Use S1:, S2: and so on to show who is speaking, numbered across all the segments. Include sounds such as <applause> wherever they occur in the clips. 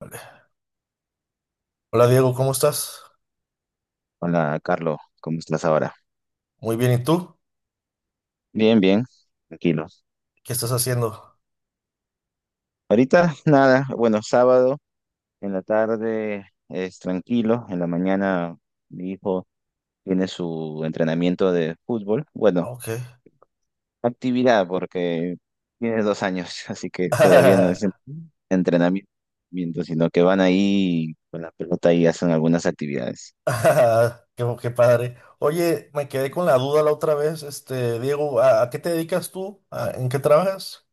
S1: Vale. Hola Diego, ¿cómo estás?
S2: Hola, Carlos, ¿cómo estás ahora?
S1: Muy bien, ¿y tú?
S2: Bien, bien, tranquilo.
S1: ¿Qué estás haciendo?
S2: Ahorita nada, bueno, sábado en la tarde es tranquilo, en la mañana mi hijo tiene su entrenamiento de fútbol, bueno,
S1: Ah, ok.
S2: actividad porque tiene 2 años, <laughs> así que todavía no es entrenamiento, sino que van ahí con la pelota y hacen algunas actividades.
S1: <laughs> Qué, qué padre. Oye, me quedé con la duda la otra vez, este, Diego, ¿a qué te dedicas tú? ¿En qué trabajas?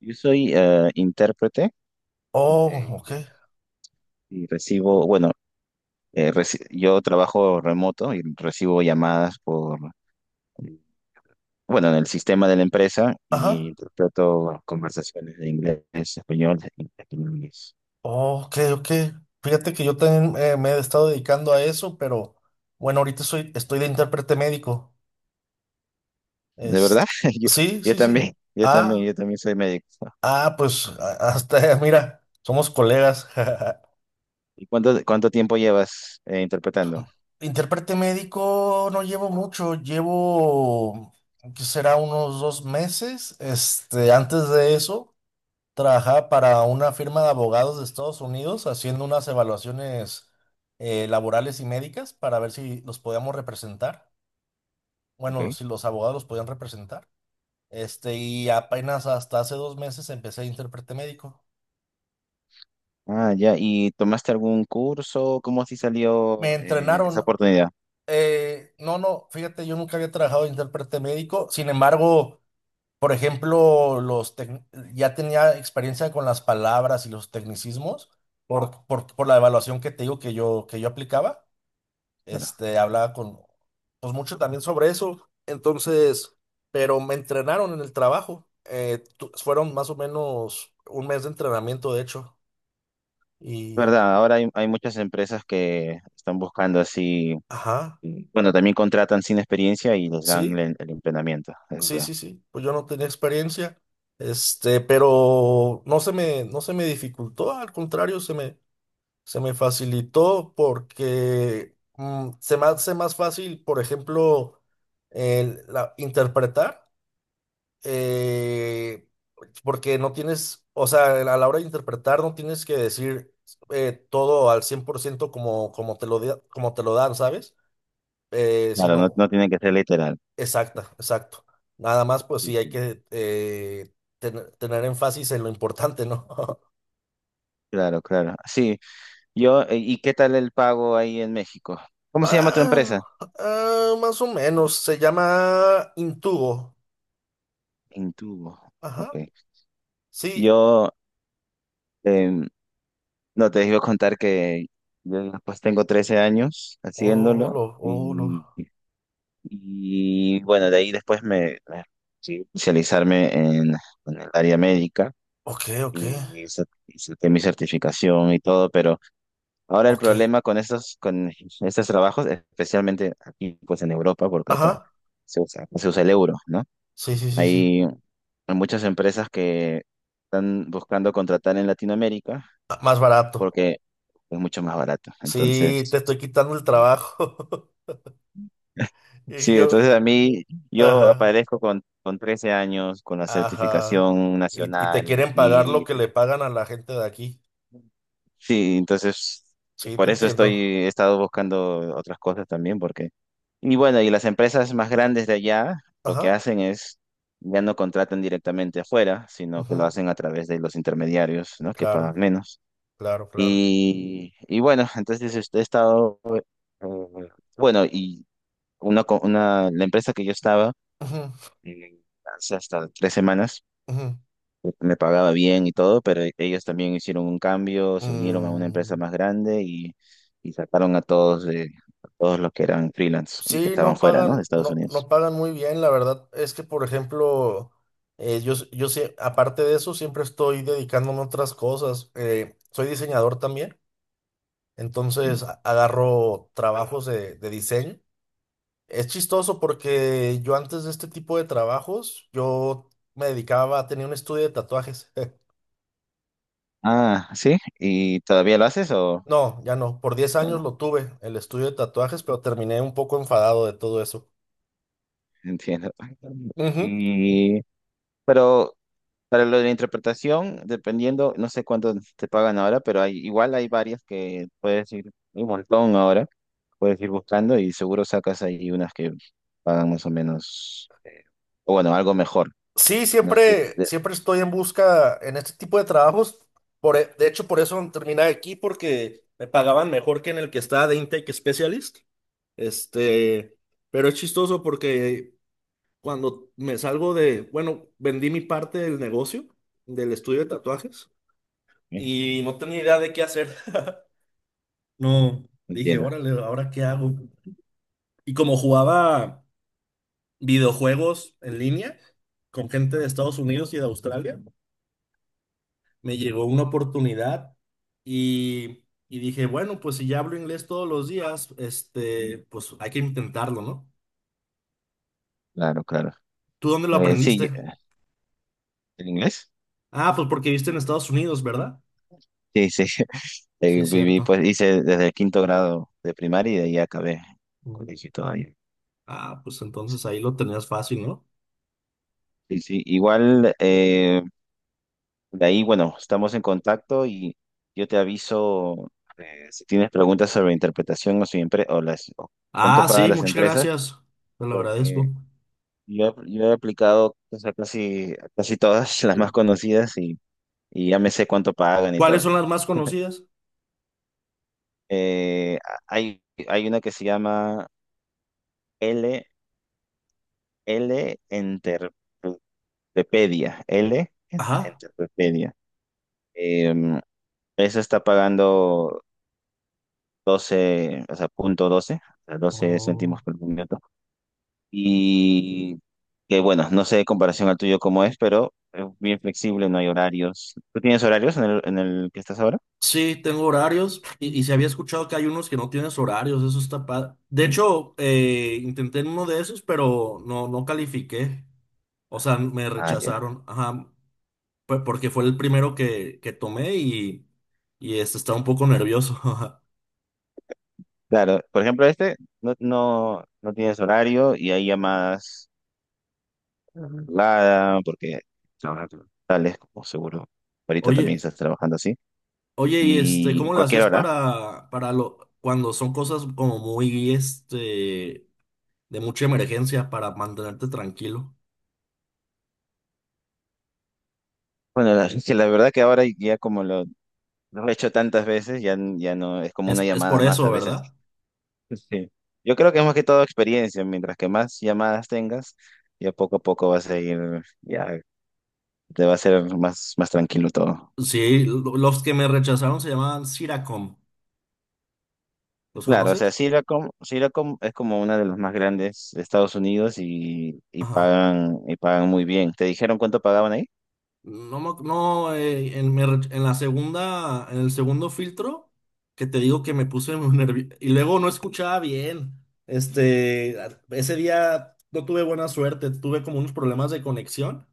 S2: Yo soy intérprete
S1: Oh,
S2: eh,
S1: ok.
S2: y recibo, bueno, yo trabajo remoto y recibo llamadas por, bueno, en el sistema de la empresa y
S1: Ajá.
S2: trato conversaciones de inglés, español y inglés.
S1: Oh, ok, ok. Fíjate que yo también me he estado dedicando a eso, pero bueno, ahorita estoy de intérprete médico.
S2: De
S1: Es,
S2: verdad, <laughs> yo,
S1: sí,
S2: yo
S1: sí, sí.
S2: también, yo
S1: Ah,
S2: también, yo también soy médico.
S1: pues hasta, <laughs> mira, somos colegas. <laughs>
S2: ¿Y cuánto tiempo llevas interpretando?
S1: Intérprete médico no llevo mucho, llevo que será unos 2 meses. Este, antes de eso, trabajaba para una firma de abogados de Estados Unidos haciendo unas evaluaciones laborales y médicas para ver si los podíamos representar. Bueno,
S2: Ok.
S1: si los abogados los podían representar. Este, y apenas hasta hace 2 meses empecé de intérprete médico.
S2: Ah, ya. ¿Y tomaste algún curso? ¿Cómo así salió
S1: Me
S2: esa
S1: entrenaron.
S2: oportunidad?
S1: No, no, fíjate, yo nunca había trabajado de intérprete médico. Sin embargo. Por ejemplo, ya tenía experiencia con las palabras y los tecnicismos por la evaluación que te digo que yo aplicaba.
S2: Claro.
S1: Este, hablaba con, pues mucho también sobre eso. Entonces, pero me entrenaron en el trabajo. Fueron más o menos 1 mes de entrenamiento, de hecho. Y,
S2: Verdad, ahora hay muchas empresas que están buscando así.
S1: ajá,
S2: Y, bueno, también contratan sin experiencia y les dan
S1: sí,
S2: el entrenamiento, es
S1: sí,
S2: verdad.
S1: sí, sí. Pues yo no tenía experiencia. Este, pero no se me dificultó, al contrario, se me facilitó porque se me hace más fácil, por ejemplo, interpretar, eh, porque no tienes, o sea, a la hora de interpretar no tienes que decir todo al 100% como, como te lo dan, ¿sabes? Eh,
S2: Claro, no,
S1: sino,
S2: no tiene que ser literal.
S1: exacta, exacto. Nada más, pues
S2: Sí,
S1: sí, hay
S2: sí.
S1: que tener énfasis en lo importante, ¿no? <laughs>
S2: Claro, claro. Sí, yo, ¿y qué tal el pago ahí en México? ¿Cómo se llama tu
S1: Ah,
S2: empresa?
S1: más o menos, se llama Intubo.
S2: Intubo.
S1: Ajá,
S2: Ok.
S1: sí.
S2: Yo, em, no, te iba a contar que yo pues tengo 13 años
S1: Oh,
S2: haciéndolo
S1: lo, oh, lo.
S2: y, y, bueno, de ahí después me sí, especializarme en el área médica
S1: Ok, ok,
S2: y hice mi certificación y todo, pero... Ahora el
S1: ok.
S2: problema con estos trabajos, especialmente aquí pues en Europa, porque acá
S1: Ajá,
S2: se usa el euro, ¿no?
S1: sí, sí, sí, sí.
S2: Hay muchas empresas que están buscando contratar en Latinoamérica
S1: Ah, más barato.
S2: porque es mucho más barato.
S1: Sí, te
S2: Entonces,
S1: estoy quitando el trabajo. <laughs> Y
S2: sí,
S1: yo,
S2: entonces a mí yo
S1: ajá,
S2: aparezco con 13 años, con la
S1: ajá.
S2: certificación
S1: Y te
S2: nacional
S1: quieren pagar lo
S2: y
S1: que le pagan a la gente de aquí.
S2: sí, entonces
S1: Sí, te
S2: por eso estoy,
S1: entiendo.
S2: he estado buscando otras cosas también, porque, y bueno, y las empresas más grandes de allá lo que
S1: Ajá,
S2: hacen es, ya no contratan directamente afuera, sino que lo
S1: ujú,
S2: hacen a través de los intermediarios, ¿no? Que
S1: claro,
S2: pagan menos.
S1: claro, claro.
S2: Y bueno, entonces este, he estado, bueno, y la empresa que yo estaba,
S1: Ujú,
S2: eh, hace hasta 3 semanas,
S1: ujú.
S2: me pagaba bien y todo, pero ellos también hicieron un cambio, se unieron a una empresa
S1: Mm.
S2: más grande y, sacaron a todos, a todos los que eran freelance y que
S1: Sí,
S2: estaban
S1: no
S2: fuera, ¿no?
S1: pagan,
S2: De Estados
S1: no
S2: Unidos.
S1: pagan muy bien, la verdad. Es que, por ejemplo, yo sé, aparte de eso, siempre estoy dedicándome a otras cosas. Soy diseñador también, entonces
S2: Entiendo.
S1: agarro trabajos de diseño. Es chistoso porque yo antes de este tipo de trabajos, yo me dedicaba a tener un estudio de tatuajes. <laughs>
S2: Ah, sí, ¿y todavía lo haces o
S1: No, ya no. Por diez
S2: no?
S1: años
S2: No,
S1: lo tuve, el estudio de tatuajes, pero terminé un poco enfadado de todo eso.
S2: <laughs> entiendo.
S1: Ujú.
S2: Y, pero para lo de la interpretación, dependiendo, no sé cuánto te pagan ahora, pero hay, igual hay varias que puedes ir, hay un montón ahora, puedes ir buscando y seguro sacas ahí unas que pagan más o menos, o bueno, algo mejor,
S1: Sí,
S2: ¿no?
S1: siempre, siempre estoy en busca en este tipo de trabajos. De hecho, por eso terminé aquí, porque me pagaban mejor que en el que estaba de Intake Specialist. Este, pero es chistoso porque cuando me salgo de, bueno, vendí mi parte del negocio, del estudio de tatuajes,
S2: ¿Eh?
S1: y no tenía idea de qué hacer. <laughs> No, dije,
S2: Entiendo,
S1: órale, ¿ahora qué hago? Y como jugaba videojuegos en línea con gente de Estados Unidos y de Australia. Me llegó una oportunidad y, y dije, bueno, pues si ya hablo inglés todos los días, este, pues hay que intentarlo, ¿no?
S2: claro, claro.
S1: ¿Tú dónde lo
S2: Sí,
S1: aprendiste?
S2: ¿el inglés?
S1: Ah, pues porque viste en Estados Unidos, ¿verdad?
S2: Sí, sí, <laughs>
S1: Sí, es
S2: Viví,
S1: cierto.
S2: pues hice desde el quinto grado de primaria y de ahí acabé
S1: Mm.
S2: colegio todavía.
S1: Ah, pues entonces ahí lo tenías fácil, ¿no?
S2: Sí, sí, igual, de ahí, bueno, estamos en contacto y yo te aviso si tienes preguntas sobre interpretación o, si empre- o, las, o cuánto
S1: Ah,
S2: pagan
S1: sí,
S2: las
S1: muchas
S2: empresas,
S1: gracias. Te lo agradezco.
S2: porque yo he aplicado o sea, casi, casi todas <laughs> las más conocidas y, ya me sé cuánto pagan y todo.
S1: ¿Cuáles son las más conocidas?
S2: Eh, hay, hay una que se llama L, L Enterpedia, L
S1: Ajá.
S2: Enterpedia. Em, esa está pagando 12 o sea, 0,12 o sea, 12
S1: Oh.
S2: céntimos por minuto. Y que bueno, no sé de comparación al tuyo cómo es, pero es bien flexible, no hay horarios. ¿Tú tienes horarios en el que estás ahora?
S1: Sí, tengo horarios y se había escuchado que hay unos que no tienes horarios, eso está padre. De hecho, intenté en uno de esos, pero no, no califiqué. O sea, me
S2: Ah, ya.
S1: rechazaron. Ajá, fue porque fue el primero que tomé y este, estaba un poco nervioso.
S2: Claro, por ejemplo, este no, no, no tienes horario y hay llamadas reguladas porque trabajas tales como seguro.
S1: <laughs>
S2: Ahorita también
S1: Oye,
S2: estás trabajando así.
S1: oye, y este,
S2: Y
S1: ¿cómo le
S2: cualquier
S1: hacías
S2: hora.
S1: cuando son cosas como muy, este, de mucha emergencia para mantenerte tranquilo?
S2: Bueno, la, <laughs> que la verdad que ahora ya como lo no lo he hecho tantas veces, ya, ya no, es como una
S1: Es por
S2: llamada más
S1: eso,
S2: a veces. <laughs>
S1: ¿verdad?
S2: Sí. Yo creo que es más que todo experiencia, mientras que más llamadas tengas, ya poco a poco vas a ir, ya te va a ser más tranquilo todo.
S1: Sí, los que me rechazaron se llamaban Siracom. ¿Los
S2: Claro, o sea,
S1: conoces?
S2: Syracom, Syracom es como una de las más grandes de Estados Unidos y, y
S1: Ajá.
S2: pagan, y pagan muy bien. ¿Te dijeron cuánto pagaban ahí?
S1: No, me ac- no en, me rech- En la segunda, en el segundo filtro, que te digo que me puse <laughs> muy nervioso. Y luego no escuchaba bien. Este, ese día no tuve buena suerte, tuve como unos problemas de conexión.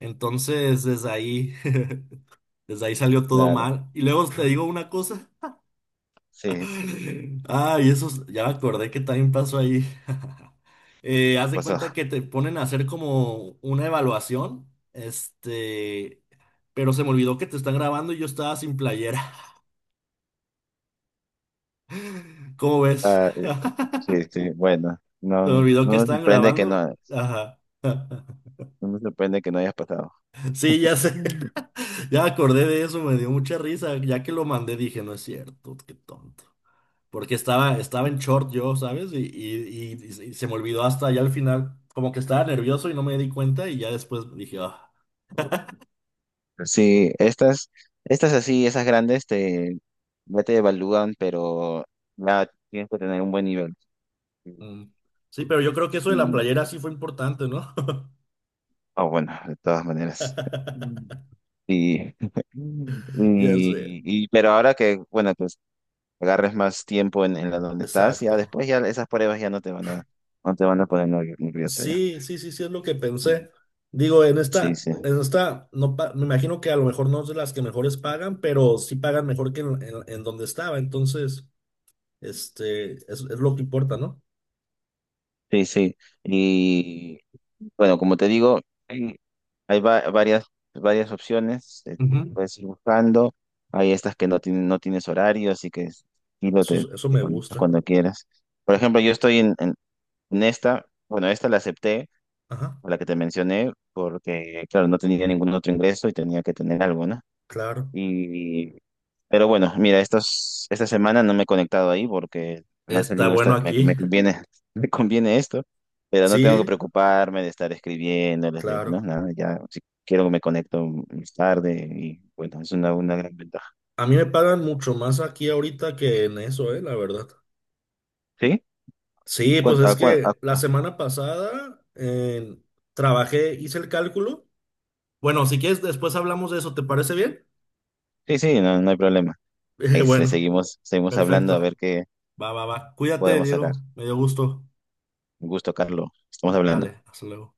S1: Entonces, desde ahí, <laughs> desde ahí salió todo
S2: Claro,
S1: mal. Y luego te digo una cosa.
S2: sí,
S1: Ah, y eso, ya me acordé que también pasó ahí. <laughs> Haz de
S2: pues,
S1: cuenta que te ponen a hacer como una evaluación, este, pero se me olvidó que te están grabando y yo estaba sin playera. <laughs> ¿Cómo ves?
S2: ah,
S1: <laughs>
S2: sí, sí, bueno, no,
S1: Se me olvidó que
S2: no me
S1: estaban
S2: sorprende que
S1: grabando.
S2: no,
S1: Ajá.
S2: no me sorprende que no hayas pasado.
S1: Sí, ya sé.
S2: <laughs>
S1: <laughs> Ya me acordé de eso, me dio mucha risa. Ya que lo mandé, dije, no es cierto, qué tonto. Porque estaba en short yo, ¿sabes? Y se me olvidó hasta ya al final, como que estaba nervioso y no me di cuenta y ya después dije, ah,
S2: Sí, estas así, esas grandes te, ya te evalúan, pero ya tienes que tener un buen nivel.
S1: mm. Sí, pero yo creo que eso de la
S2: Y,
S1: playera sí fue importante, ¿no?
S2: oh, bueno, de todas maneras.
S1: <laughs>
S2: Y, <laughs>
S1: Ya sé,
S2: pero ahora que, bueno, pues agarres más tiempo en la donde estás, ya
S1: exacto.
S2: después ya esas pruebas ya no te van a, no te van a poner nervioso ya.
S1: Sí, sí, sí, sí, es lo que
S2: Ujú.
S1: pensé. Digo,
S2: Sí, sí,
S1: en esta, no pa- me imagino que a lo mejor no es de las que mejores pagan, pero sí pagan mejor que en donde estaba. Entonces, este, es lo que importa, ¿no?
S2: sí, sí. Bueno, como te digo, hay, hay varias opciones,
S1: Ujú.
S2: puedes ir buscando. Hay estas que no tienen, no tienes horario, así que y lo
S1: Eso,
S2: te,
S1: eso
S2: te
S1: me
S2: conectas
S1: gusta.
S2: cuando quieras. Por ejemplo, yo estoy en, esta, bueno, esta la acepté,
S1: Ajá.
S2: la que te mencioné, porque, claro, no tenía ningún otro ingreso y tenía que tener algo, ¿no?
S1: Claro,
S2: Y, pero bueno, mira, estos, esta semana no me he conectado ahí porque me ha
S1: está
S2: salido
S1: bueno
S2: esta, me,
S1: aquí.
S2: me conviene, <laughs> me conviene esto, pero no tengo que
S1: Sí,
S2: preocuparme de estar escribiéndoles, de, no,
S1: claro.
S2: nada, ya, si quiero me conecto más tarde y bueno, es una gran ventaja.
S1: A mí me pagan mucho más aquí ahorita que en eso, la verdad.
S2: ¿Sí?
S1: Sí, pues
S2: ¿Cuán- a
S1: es
S2: cuán- a-
S1: que la
S2: a-
S1: semana pasada trabajé, hice el cálculo. Bueno, si quieres, después hablamos de eso, ¿te parece bien? <laughs>
S2: sí, sí, no, no hay problema. Ahí le
S1: Bueno,
S2: seguimos hablando a ver
S1: perfecto.
S2: qué
S1: Va, va, va. Cuídate,
S2: podemos sacar.
S1: Diego. Me dio gusto.
S2: Un gusto, Carlos. Estamos
S1: Va-
S2: hablando.
S1: vale, hasta luego.